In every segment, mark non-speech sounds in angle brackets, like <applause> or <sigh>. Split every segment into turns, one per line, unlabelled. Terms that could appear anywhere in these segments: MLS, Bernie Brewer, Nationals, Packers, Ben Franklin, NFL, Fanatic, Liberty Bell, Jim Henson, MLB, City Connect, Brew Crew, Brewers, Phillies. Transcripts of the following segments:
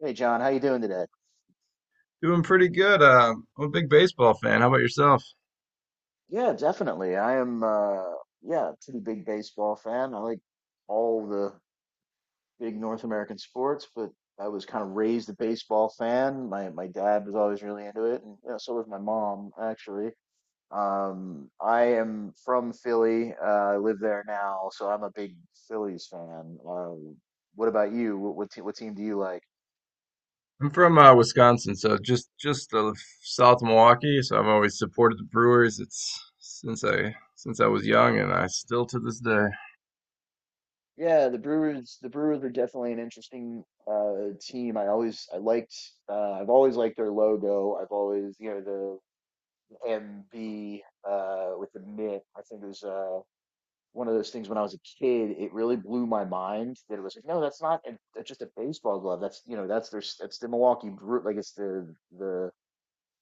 Hey John, how you doing today?
Doing pretty good. I'm a big baseball fan. How about yourself?
Yeah, definitely. I am yeah, pretty big baseball fan. I like all the big North American sports, but I was kind of raised a baseball fan. My dad was always really into it, and you know, so was my mom actually. I am from Philly. I live there now, so I'm a big Phillies fan. What about you? What team do you like?
I'm from Wisconsin, so just south of Milwaukee. So I've always supported the Brewers. It's since I was young, and I still to this day.
Yeah, the Brewers are definitely an interesting team. I liked I've always liked their logo. I've always, you know, the MB with the mitt. I think it was one of those things when I was a kid, it really blew my mind that it was like, no, that's not a, that's just a baseball glove. That's, you know, that's the Milwaukee Brew, like it's the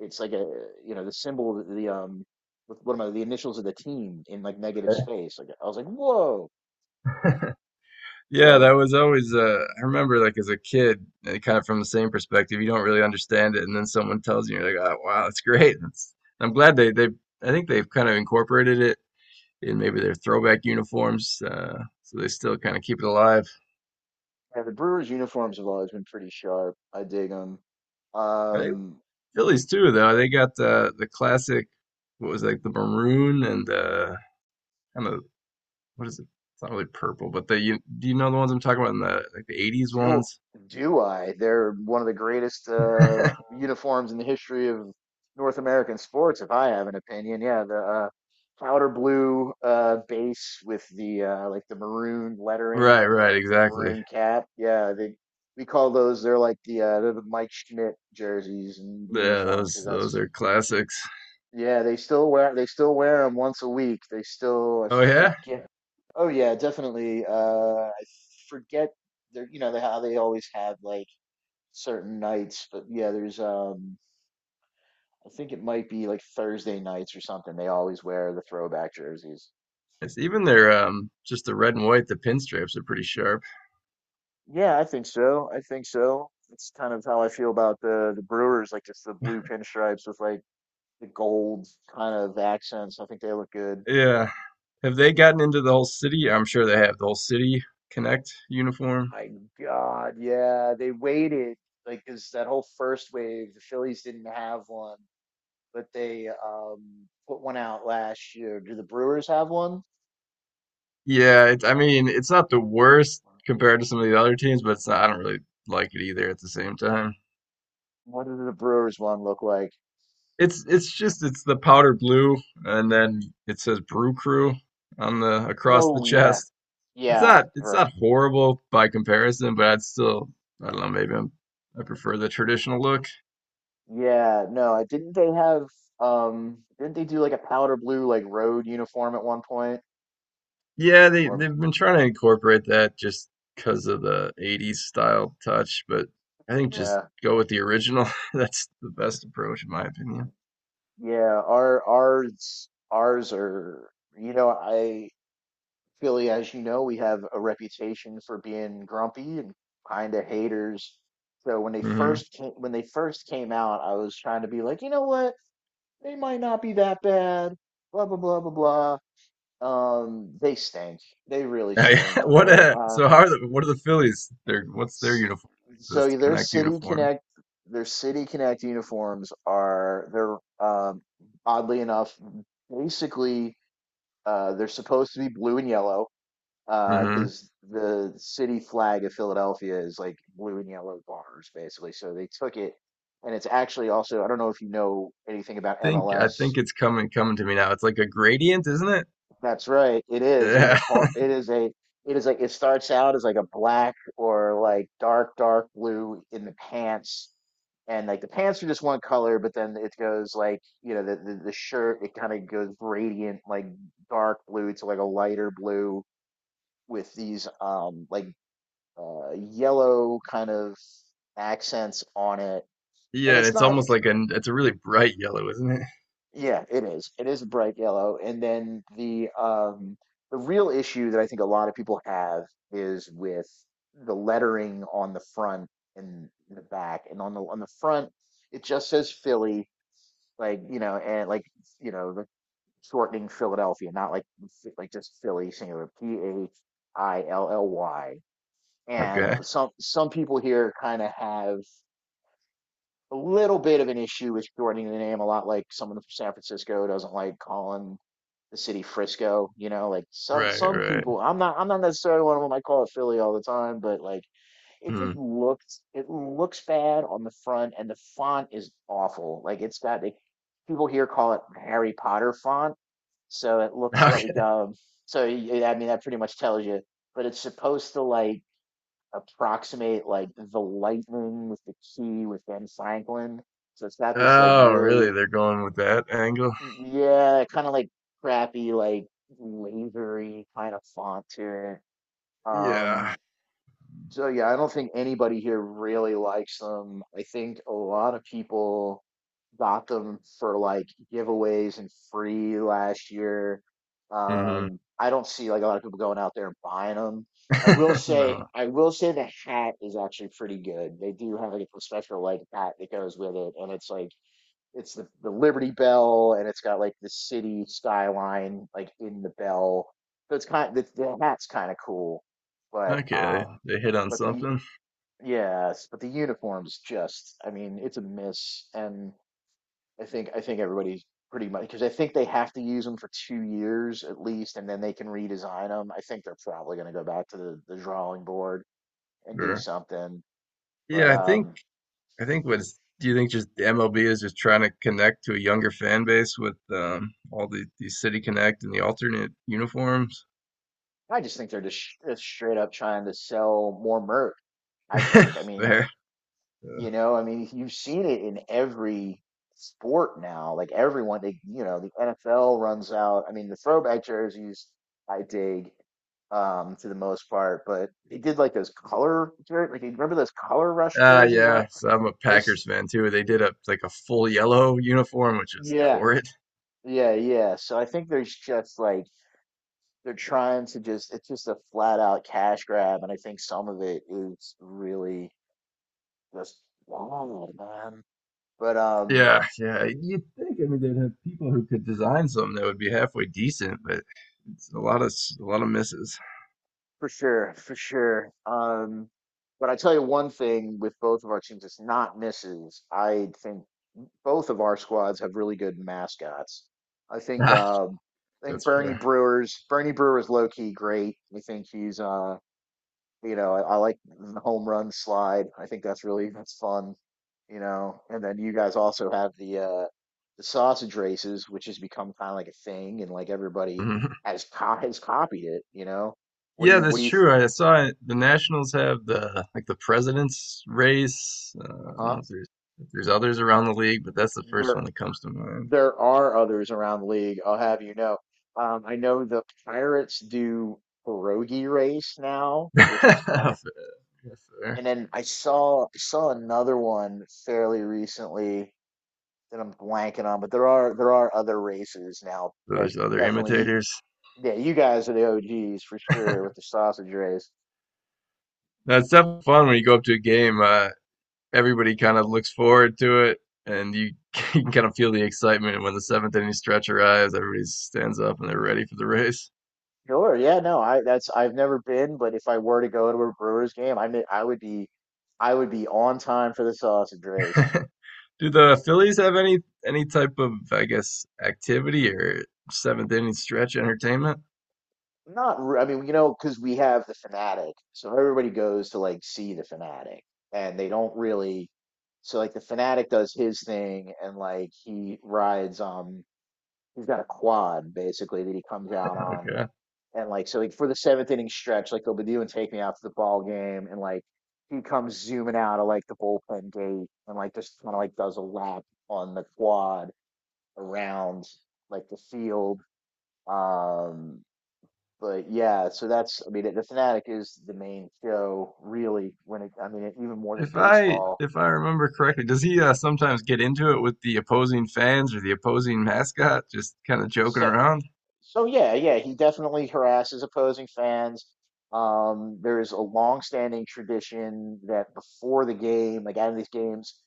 it's like a, you know, the symbol of the the initials of the team in like negative space. Like I was like, "Whoa."
<laughs> Yeah,
So
that was always. I remember, like as a kid, kind of from the same perspective. You don't really understand it, and then someone tells you, you're like, "Oh, wow, that's great." That's, I'm glad they. I think they've kind of incorporated it in maybe their throwback uniforms, so they still kind of keep it alive.
yeah, the Brewers uniforms have always been pretty sharp. I dig them.
I think
Um,
Phillies too, though. They got the classic, what was it, like the maroon and kind of, what is it? It's not really purple, but the you, do you know the ones I'm talking about in the '80s
do
ones?
do I? They're one of the greatest
<laughs>
uniforms in the history of North American sports, if I have an opinion. Yeah, the uh, powder blue base with the like the maroon lettering
Right,
and the
right,
like the
exactly.
maroon cap. Yeah, they we call those. They're like the they're the Mike Schmidt jerseys and
Yeah,
uniforms
those
because yeah,
those
that's
are classics.
yeah, they still wear, they still wear them once a week. They still, I
Oh yeah,
forget. Oh yeah, definitely. I forget they're, you know, they, how they always have like certain nights, but yeah, there's I think it might be like Thursday nights or something. They always wear the throwback jerseys.
it's even their just the red and white, the pinstripes are pretty sharp.
Yeah, I think so. I think so. It's kind of how I feel about the Brewers, like just the blue pinstripes with like the gold kind of accents. I think they look good.
Yeah. Have they gotten into the whole city? I'm sure they have the whole city Connect uniform.
My God, yeah, they waited like because that whole first wave, the Phillies didn't have one, but they put one out last year. Do the Brewers have one?
Yeah, it's, I mean, it's not the worst compared to some of the other teams, but it's not, I don't really like it either at the same time.
What does the Brewers one look like?
It's just it's the powder blue and then it says Brew Crew on the across the
Oh yeah,
chest. It's
yeah,
not it's
right.
not horrible by comparison, but I'd still, I don't know, maybe I'm, I prefer the traditional look.
Yeah, no, I didn't they have didn't they do like a powder blue like road uniform at one point?
Yeah, they
Or
they've been trying to incorporate that just because of
uh,
the '80s style touch, but I think just
yeah,
go with the original. <laughs> That's the best approach in my opinion.
yeah, ours are, you know, I, Philly, as you know, we have a reputation for being grumpy and kind of haters. So when they
hmm
first came, when they first came out, I was trying to be like, you know what? They might not be that bad. Blah blah blah blah blah. They stink. They really
Now, yeah, <laughs>
stink.
what?
They're
So how are the, what are the Phillies? Their, what's their
s-
uniform? This
so
Connect uniform.
Their City Connect uniforms are they're oddly enough basically they're supposed to be blue and yellow
hmm
because the city flag of Philadelphia is like blue and yellow bars, basically. So they took it, and it's actually also, I don't know if you know anything about
Think, I think
MLS.
it's coming to me now. It's like a gradient, isn't it?
That's right, it is. It is a
Yeah,
hor-
<laughs>
it is a, it is like it starts out as like a black or like dark dark blue in the pants. And like the pants are just one color, but then it goes like, you know, the shirt, it kind of goes gradient like dark blue to like a lighter blue with these like yellow kind of accents on it, and
yeah.
it's
It's
not.
almost like an, it's a really bright yellow, isn't it?
Yeah, it is. It is bright yellow, and then the real issue that I think a lot of people have is with the lettering on the front and the back, and on the front it just says Philly, like, you know, and like, you know, the shortening Philadelphia, not like like just Philly singular, Philly. And
Okay.
some people here kind of have a little bit of an issue with shortening the name, a lot like someone from San Francisco doesn't like calling the city Frisco, you know, like
Right,
some
right.
people, I'm not, I'm not necessarily one of them, I call it Philly all the time, but like it
Hmm.
just
<laughs>
looks, it looks bad on the front and the font is awful. Like it's got like, people here call it Harry Potter font. So it looks like
Okay.
I mean that pretty much tells you, but it's supposed to like approximate like the lightning with the key with Ben Franklin. So it's not this like
Oh, really?
really,
They're going with that angle?
yeah, kind of like crappy, like lasery kind of font to it.
Yeah.
So yeah, I don't think anybody here really likes them. I think a lot of people got them for like giveaways and free last year.
Hmm.
I don't see like a lot of people going out there and buying them.
<laughs> No.
I will say the hat is actually pretty good. They do have like a special like hat that goes with it, and it's like it's the Liberty Bell, and it's got like the city skyline like in the bell. So it's kind of, the hat's kind of cool, but
Okay.
um,
They hit on
but the
something.
yes, but the uniform's just, I mean it's a miss, and I think everybody's pretty much, because I think they have to use them for 2 years at least, and then they can redesign them. I think they're probably going to go back to the drawing board and do
Sure.
something, but
Yeah, I think.
um.
I think what's, do you think just the MLB is just trying to connect to a younger fan base with all the City Connect and the alternate uniforms?
I just think they're just, just straight up trying to sell more merch, I think. I
<laughs>
mean,
Fair. Uh,
you know, I mean, you've seen it in every sport now. Like everyone, they, you know, the NFL runs out. I mean, the throwback jerseys, I dig to the most part, but they did like those like, you remember those color rush jerseys? I don't,
yeah. So I'm a Packers
those,
fan too. They did a like a full yellow uniform, which is like,
yeah,
horrid. <laughs>
yeah, yeah. So I think there's just like, they're trying to just, it's just a flat out cash grab. And I think some of it is really just wild, man. But,
Yeah, yeah. You'd think I mean they'd have people who could design something that would be halfway decent, but it's a lot of s- a lot of misses.
for sure, for sure. But I tell you one thing, with both of our teams, it's not misses. I think both of our squads have really good mascots. I think
<laughs>
um, I think
That's fair.
Bernie Brewer's low key great. I think he's you know, I like the home run slide. I think that's really, that's fun. You know, and then you guys also have the sausage races, which has become kind of like a thing, and like everybody
<laughs>
has copied it. You know,
Yeah,
what
that's
do you th-,
true. I saw it. The Nationals have the like the president's race. I don't know
uh-huh.
if there's, if there's others around the league, but that's the first one
There
that comes to mind.
there are others around the league, I'll have you know. I know the Pirates do pierogi race now, which is kind of,
<laughs> Yes, sir.
and then I saw another one fairly recently that I'm blanking on, but there are other races now that
Those other
definitely, you,
imitators.
yeah, you guys are the OGs for sure with the sausage race.
That's definitely fun when you go up to a game. Everybody kind of looks forward to it, and you, <laughs> you can kind of feel the excitement when the seventh inning stretch arrives. Everybody stands up and they're ready for the race.
Sure, yeah, no, I, that's, I've never been, but if I were to go to a Brewers game, I would be, I would be on time for the sausage race.
<laughs> Do the Phillies have any type of, I guess, activity or seventh inning stretch entertainment?
Not, re- I mean, you know, because we have the Fanatic, so everybody goes to like see the Fanatic, and they don't really. So like the Fanatic does his thing, and like he rides, he's got a quad basically that he comes out on,
Okay.
and like so like for the seventh inning stretch, like they'll be doing take me out to the ball game, and like he comes zooming out of like the bullpen gate, and like just kind of like does a lap on the quad around like the field. Um, but yeah, so that's, I mean the Fanatic is the main show really when it, I mean it, even more than
If I
baseball.
if I remember correctly, does he sometimes get into it with the opposing fans or the opposing mascot, just kind of joking
So,
around?
so yeah, yeah, he definitely harasses opposing fans. There is a long-standing tradition that before the game, like out of these games,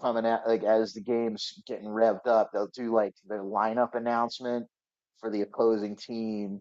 coming out like as the game's getting revved up, they'll do like the lineup announcement for the opposing team,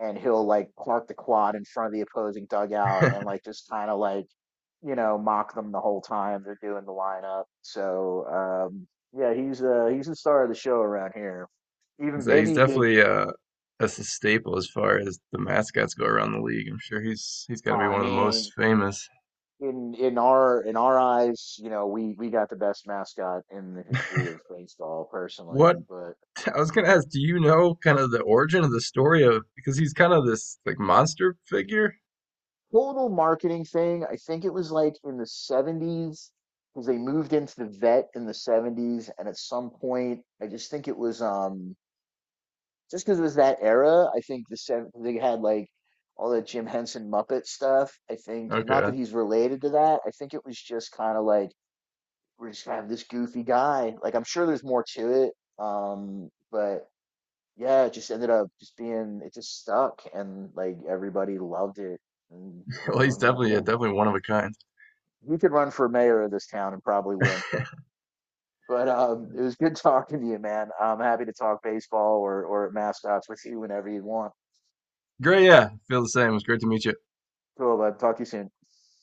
and he'll like park the quad in front of the opposing dugout and
<laughs>
like just kind of like, you know, mock them the whole time they're doing the lineup. So um, yeah, he's the star of the show around here. Even
So he's
maybe like,
definitely that's a staple as far as the mascots go around the league. I'm sure he's got
oh,
to be
I
one of the most
mean,
famous.
in our eyes, you know, we got the best mascot in the history of baseball personally,
What
but
I was gonna ask, do you know kind of the origin of the story of because he's kind of this like monster figure?
total marketing thing. I think it was like in the '70s because they moved into the vet in the '70s. And at some point, I just think it was just because it was that era. I think the seven they had like all that Jim Henson Muppet stuff. I think not
Okay.
that he's related to that. I think it was just kind of like we're just gonna have this goofy guy. Like I'm sure there's more to it. But yeah, it just ended up just being, it just stuck and like everybody loved it. And you
Well,
know,
he's definitely, yeah,
now
definitely one of a kind.
you could run for mayor of this town and probably win.
<laughs>
But it was good <laughs> talking to you, man. I'm happy to talk baseball or mascots with you whenever you want.
Great, yeah, feel the same. It was great to meet you.
Cool, bud. Talk to you soon.